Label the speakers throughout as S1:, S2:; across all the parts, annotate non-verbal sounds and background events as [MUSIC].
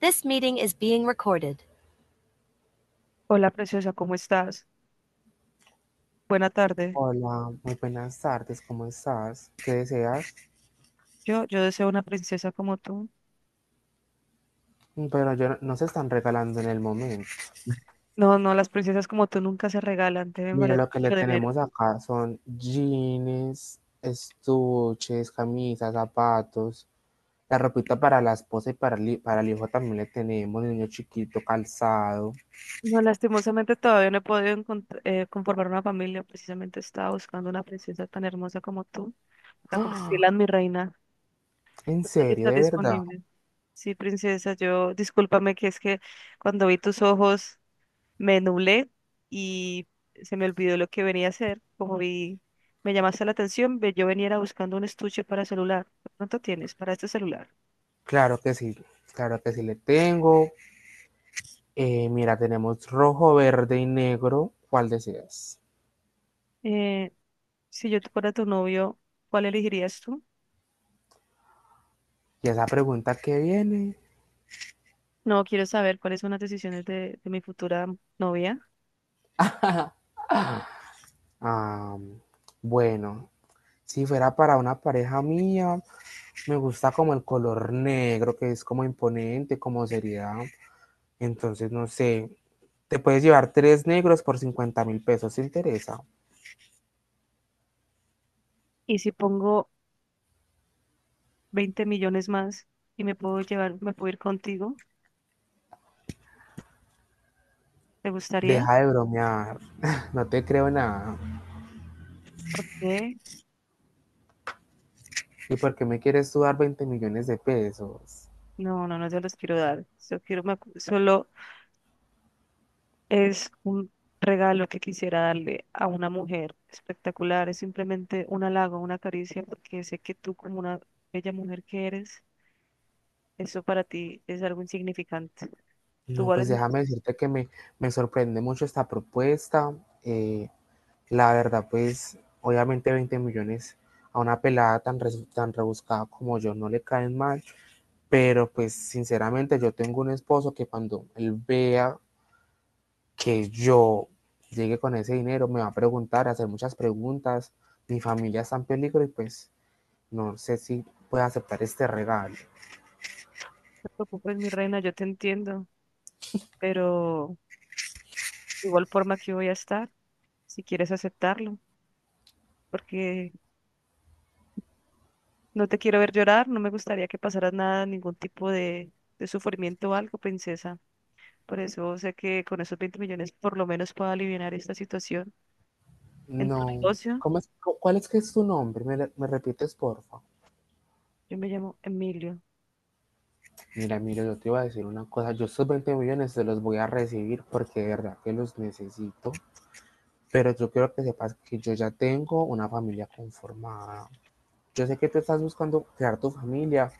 S1: This meeting is being recorded.
S2: Hola, preciosa, ¿cómo estás? Buena tarde.
S1: Hola, muy buenas tardes, ¿cómo estás? ¿Qué deseas?
S2: Yo deseo una princesa como tú.
S1: Pero yo no, no se están regalando en el momento.
S2: No, no, las princesas como tú nunca se regalan, deben
S1: Mira,
S2: valer
S1: lo que le
S2: mucho dinero.
S1: tenemos acá son jeans, estuches, camisas, zapatos, la ropita para la esposa y para el hijo también le tenemos, niño chiquito, calzado.
S2: No, lastimosamente todavía no he podido conformar una familia. Precisamente estaba buscando una princesa tan hermosa como tú para
S1: ¡Ah!
S2: convertirla en mi reina.
S1: ¿En
S2: No sé si
S1: serio,
S2: estás
S1: de verdad?
S2: disponible. Sí, princesa, yo, discúlpame que es que cuando vi tus ojos me nublé y se me olvidó lo que venía a hacer. Como vi, me llamaste la atención, yo venía era buscando un estuche para celular. ¿De pronto tienes para este celular?
S1: Claro que sí, claro que sí le tengo. Mira, tenemos rojo, verde y negro. ¿Cuál deseas?
S2: Eh, si yo te fuera tu novio, ¿cuál elegirías tú?
S1: Y esa pregunta que viene,
S2: No quiero saber cuáles son las decisiones de mi futura novia.
S1: am, bueno, si fuera para una pareja mía, me gusta como el color negro, que es como imponente, como seriedad. Entonces, no sé, te puedes llevar tres negros por 50.000 pesos, ¿te interesa?
S2: Y si pongo 20 millones más y me puedo llevar, me puedo ir contigo, ¿te gustaría?
S1: Deja de bromear, [LAUGHS] no te creo nada.
S2: ¿Qué?
S1: ¿Y por qué me quieres tú dar 20 millones de pesos?
S2: No, no, no se los quiero dar. Solo quiero, solo es un regalo que quisiera darle a una mujer espectacular, es simplemente un halago, una caricia, porque sé que tú como una bella mujer que eres, eso para ti es algo insignificante. Tú
S1: No, pues
S2: vales más,
S1: déjame decirte que me sorprende mucho esta propuesta. eh, La verdad, pues obviamente 20 millones a una pelada tan rebuscada como yo no le caen mal, pero pues sinceramente yo tengo un esposo que cuando él vea que yo llegue con ese dinero me va a preguntar, a hacer muchas preguntas, mi familia está en peligro y pues no sé si puede aceptar este regalo.
S2: no te preocupes, mi reina, yo te entiendo, pero igual forma que voy a estar, si quieres aceptarlo, porque no te quiero ver llorar, no me gustaría que pasaras nada, ningún tipo de sufrimiento o algo, princesa. Por eso sé que con esos 20 millones por lo menos puedo aliviar esta situación en tu
S1: No,
S2: negocio.
S1: ¿Cómo es- ¿cuál es que es tu nombre? ¿Me repites, porfa?
S2: Yo me llamo Emilio.
S1: Mira, Emilio, yo te iba a decir una cosa. Yo estos 20 millones se los voy a recibir porque de verdad que los necesito. Pero yo quiero que sepas que yo ya tengo una familia conformada. Yo sé que tú estás buscando crear tu familia,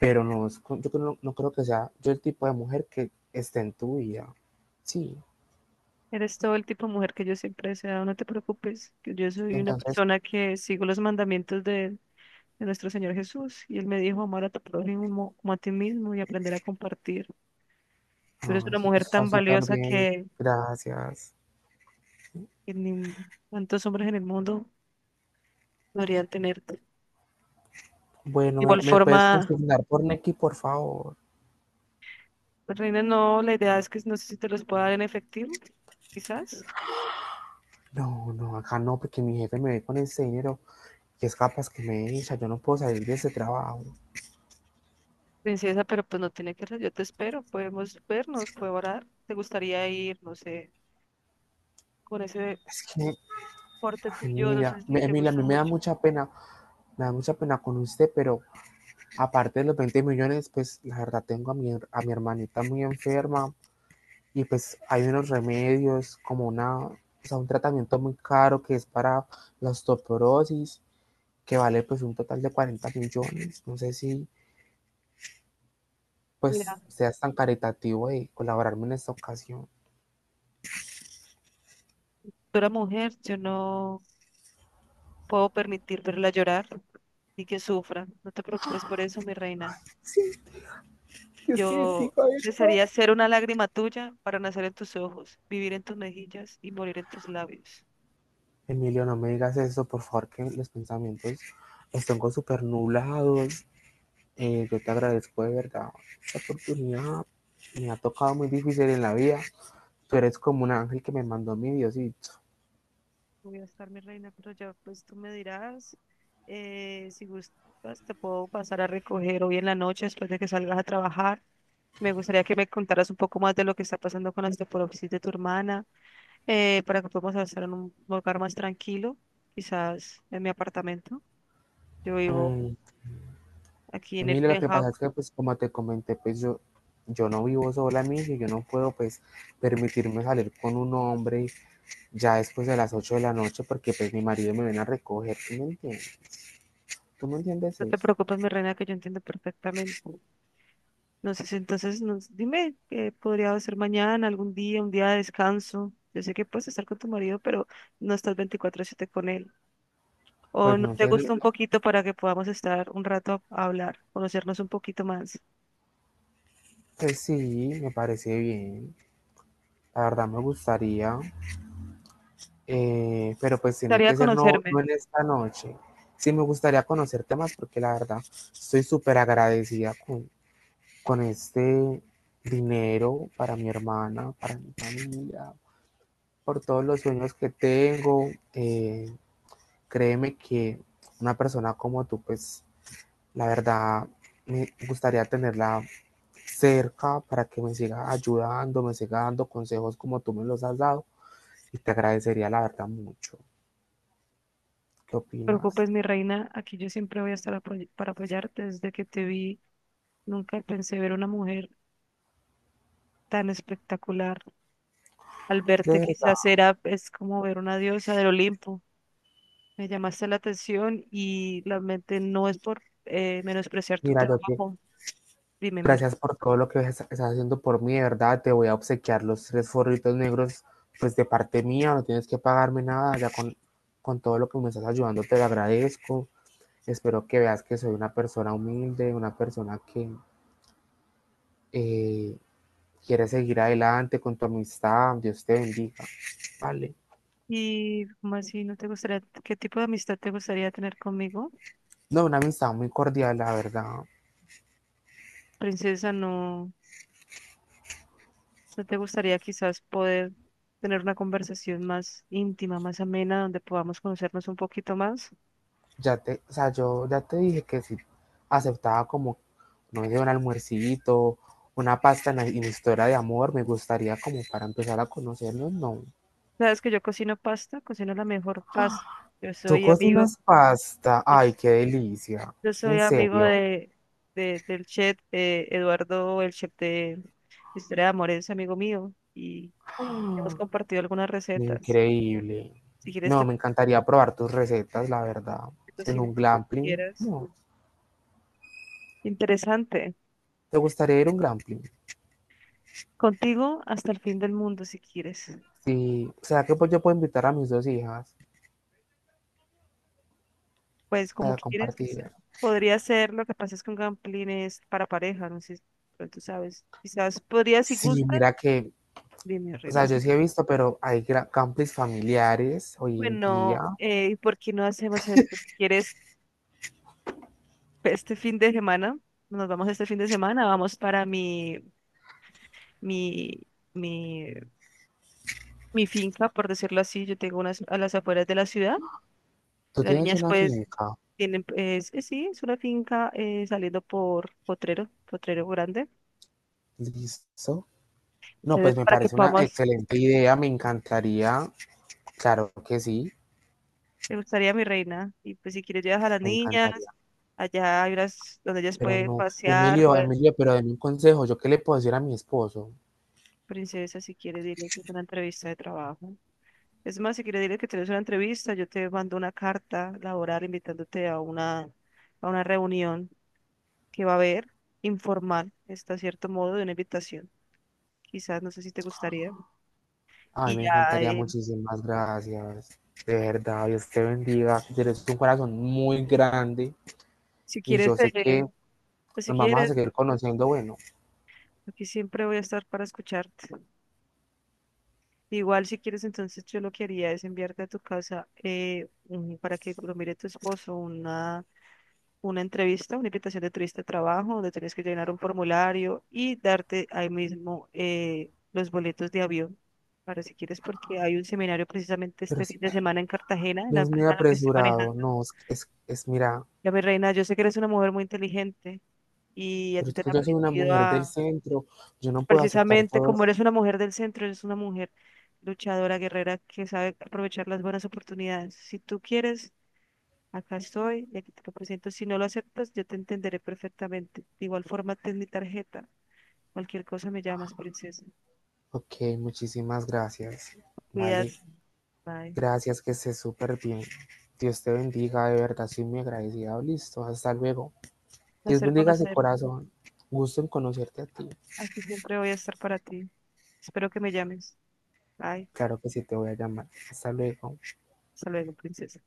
S1: pero no, es yo no, no creo que sea yo el tipo de mujer que esté en tu vida. Sí,
S2: Eres todo el tipo de mujer que yo siempre he deseado. No te preocupes, que yo soy una
S1: entonces,
S2: persona que sigo los mandamientos de nuestro Señor Jesús. Y Él me dijo amar a tu prójimo como a ti mismo y aprender a compartir. Tú eres
S1: no,
S2: una
S1: eso,
S2: mujer
S1: eso está
S2: tan
S1: súper
S2: valiosa
S1: bien. Gracias.
S2: que ni tantos hombres en el mundo podrían tenerte. De
S1: Bueno, ¿me,
S2: igual
S1: me puedes
S2: forma,
S1: consignar por Nequi, por favor?
S2: pues, Reina, no, la idea es que no sé si te los pueda dar en efectivo, quizás.
S1: No, no, acá no, porque mi jefe me ve con ese dinero que es capaz que me echa, yo no puedo salir de ese trabajo.
S2: Princesa, pero pues no tiene que ser, yo te espero, podemos vernos, colaborar. ¿Te gustaría ir, no sé, con ese
S1: Es que,
S2: corte tuyo? No sé si te
S1: Emilia, a
S2: gusta
S1: mí me da
S2: mucho.
S1: mucha pena, me da mucha pena con usted, pero aparte de los 20 millones, pues la verdad tengo a a mi hermanita muy enferma y pues hay unos remedios como una, o sea, un tratamiento muy caro que es para la osteoporosis, que vale pues un total de 40 millones. No sé si
S2: Mira,
S1: pues seas tan caritativo de colaborarme en esta ocasión.
S2: tú eres mujer, yo no puedo permitir verla llorar y que sufra. No te preocupes por eso, mi reina.
S1: Sí, [LAUGHS] yo sí
S2: Yo
S1: digo esto.
S2: desearía ser una lágrima tuya para nacer en tus ojos, vivir en tus mejillas y morir en tus labios.
S1: Emilio, no me digas eso, por favor, que los pensamientos están con súper nublados. Yo te agradezco de verdad esta oportunidad. Me ha tocado muy difícil en la vida. Tú eres como un ángel que me mandó mi Diosito.
S2: Voy a estar mi reina, pero ya pues tú me dirás, si gustas, te puedo pasar a recoger hoy en la noche después de que salgas a trabajar. Me gustaría que me contaras un poco más de lo que está pasando con la osteoporosis de tu hermana, para que podamos estar en un lugar más tranquilo, quizás en mi apartamento. Yo vivo
S1: Mm,
S2: aquí en el
S1: Emilio, lo que
S2: penthouse.
S1: pasa es que, pues, como te comenté, pues yo no vivo sola, Emilio, y yo no puedo, pues, permitirme salir con un hombre ya después de las 8 de la noche porque, pues, mi marido me viene a recoger. ¿Tú me entiendes? ¿Tú me entiendes
S2: No te
S1: eso?
S2: preocupes, mi reina, que yo entiendo perfectamente. No sé, si entonces nos, dime qué podría ser mañana, algún día, un día de descanso. Yo sé que puedes estar con tu marido, pero no estás 24/7 con él. O
S1: Pues,
S2: no
S1: no
S2: te
S1: sé,
S2: gusta un poquito para que podamos estar un rato a hablar, conocernos un poquito más.
S1: pues sí, me parece bien. La verdad me gustaría, pero pues tiene
S2: Tarea
S1: que ser no,
S2: conocerme.
S1: no
S2: No
S1: en esta noche. Sí me gustaría conocerte más porque la verdad estoy súper agradecida con este dinero para mi hermana, para mi familia, por todos los sueños que tengo. Créeme que una persona como tú, pues la verdad me gustaría tenerla cerca para que me siga ayudando, me siga dando consejos como tú me los has dado. Y te agradecería la verdad mucho. ¿Qué
S2: te
S1: opinas?
S2: preocupes, mi reina. Aquí yo siempre voy a estar para apoyarte. Desde que te vi, nunca pensé ver una mujer tan espectacular. Al
S1: De
S2: verte,
S1: verdad,
S2: quizás era, es como ver una diosa del Olimpo. Me llamaste la atención y realmente no es por menospreciar tu
S1: mira, yo te
S2: trabajo. Dime, Mir.
S1: gracias por todo lo que estás haciendo por mí, de verdad. Te voy a obsequiar los tres forritos negros, pues de parte mía, no tienes que pagarme nada, ya con todo lo que me estás ayudando, te lo agradezco. Espero que veas que soy una persona humilde, una persona que eh, quiere seguir adelante con tu amistad. Dios te bendiga. Vale.
S2: ¿Y cómo así no te gustaría, qué tipo de amistad te gustaría tener conmigo?
S1: No, una amistad muy cordial, la verdad.
S2: Princesa, no, no te gustaría quizás poder tener una conversación más íntima, más amena, donde podamos conocernos un poquito más.
S1: Ya te, o sea, yo ya te dije que si aceptaba como, no sé, un almuercito, una pasta en la historia de amor, me gustaría como para empezar a conocernos, no.
S2: Sabes que yo cocino pasta, cocino la mejor pasta. Yo
S1: Tú
S2: soy amigo,
S1: cocinas pasta, ay, qué delicia,
S2: yo
S1: en
S2: soy amigo
S1: serio,
S2: del chef Eduardo, el chef de historia de amor es amigo mío y
S1: [GASPS]
S2: hemos compartido algunas recetas.
S1: increíble.
S2: Si quieres,
S1: No,
S2: te
S1: me encantaría probar tus recetas, la verdad.
S2: te
S1: En
S2: cocino
S1: un
S2: lo que
S1: glamping
S2: quieras.
S1: no,
S2: Interesante.
S1: ¿te gustaría ir a un glamping?
S2: Contigo hasta el fin del mundo, si quieres.
S1: Sí, o sea que pues yo puedo invitar a mis dos hijas
S2: Pues como
S1: para
S2: quieras,
S1: compartir.
S2: quizás. Podría ser, lo que pasa es con gamplines para pareja, no sé, pero tú sabes. Quizás podría, si
S1: Sí,
S2: gustas,
S1: mira que.
S2: dime,
S1: O sea,
S2: reina.
S1: yo sí he visto, pero hay campings familiares hoy en día.
S2: Bueno, ¿por qué no hacemos esto? Si quieres, este fin de semana, nos vamos este fin de semana, vamos para mi, mi mi finca, por decirlo así, yo tengo unas a las afueras de la ciudad.
S1: Tú
S2: Las
S1: tienes
S2: niñas
S1: una
S2: pues
S1: finca,
S2: tienen, pues, es, sí, es una finca saliendo por Potrero, Potrero Grande.
S1: ¿listo? No, pues
S2: Entonces,
S1: me
S2: para que
S1: parece una
S2: podamos,
S1: excelente idea, me encantaría, claro que sí,
S2: me gustaría mi reina. Y pues si quieres llevas a las
S1: me encantaría.
S2: niñas, allá hay unas donde ellas
S1: Pero
S2: pueden
S1: no,
S2: pasear,
S1: Emilio,
S2: pues
S1: Emilio, pero denme un consejo, ¿yo qué le puedo decir a mi esposo?
S2: princesa, si quieres dile que es una entrevista de trabajo. Es más, si quieres dile que tienes una entrevista, yo te mando una carta laboral invitándote a una reunión que va a haber informal, está cierto modo de una invitación. Quizás, no sé si te gustaría.
S1: Ay,
S2: Y
S1: me
S2: ya,
S1: encantaría, muchísimas gracias. De verdad, Dios te bendiga, tienes un corazón muy grande
S2: si
S1: y
S2: quieres,
S1: yo sé que
S2: pues si
S1: nos vamos a
S2: quieres,
S1: seguir conociendo, bueno,
S2: aquí siempre voy a estar para escucharte. Igual si quieres, entonces yo lo que haría es enviarte a tu casa para que lo mire tu esposo una entrevista, una invitación de turista de trabajo, donde tienes que llenar un formulario y darte ahí mismo los boletos de avión. Para si quieres, porque hay un seminario precisamente
S1: pero
S2: este fin de semana en Cartagena, en la
S1: Dios mío,
S2: empresa en la que estoy
S1: apresurado,
S2: manejando.
S1: no, mira.
S2: Ya, mi reina, yo sé que eres una mujer muy inteligente. Y a
S1: Pero
S2: ti
S1: es
S2: te han
S1: que yo soy una
S2: aprendido
S1: mujer del
S2: a,
S1: centro, yo no puedo aceptar
S2: precisamente
S1: todo
S2: como
S1: esto.
S2: eres una mujer del centro, eres una mujer luchadora, guerrera, que sabe aprovechar las buenas oportunidades. Si tú quieres, acá estoy y aquí te lo presento. Si no lo aceptas, yo te entenderé perfectamente. De igual forma, ten mi tarjeta. Cualquier cosa me llamas, princesa.
S1: Ok, muchísimas gracias. Vale,
S2: Cuídate. Bye.
S1: gracias, que estés súper bien. Dios te bendiga, de verdad, soy muy agradecida. Listo, hasta luego. Dios
S2: Placer
S1: bendiga ese
S2: conocerte.
S1: corazón. Gusto en conocerte a ti.
S2: Aquí siempre voy a estar para ti. Espero que me llames. Bye.
S1: Claro que sí, te voy a llamar. Hasta luego.
S2: Hasta luego, princesa.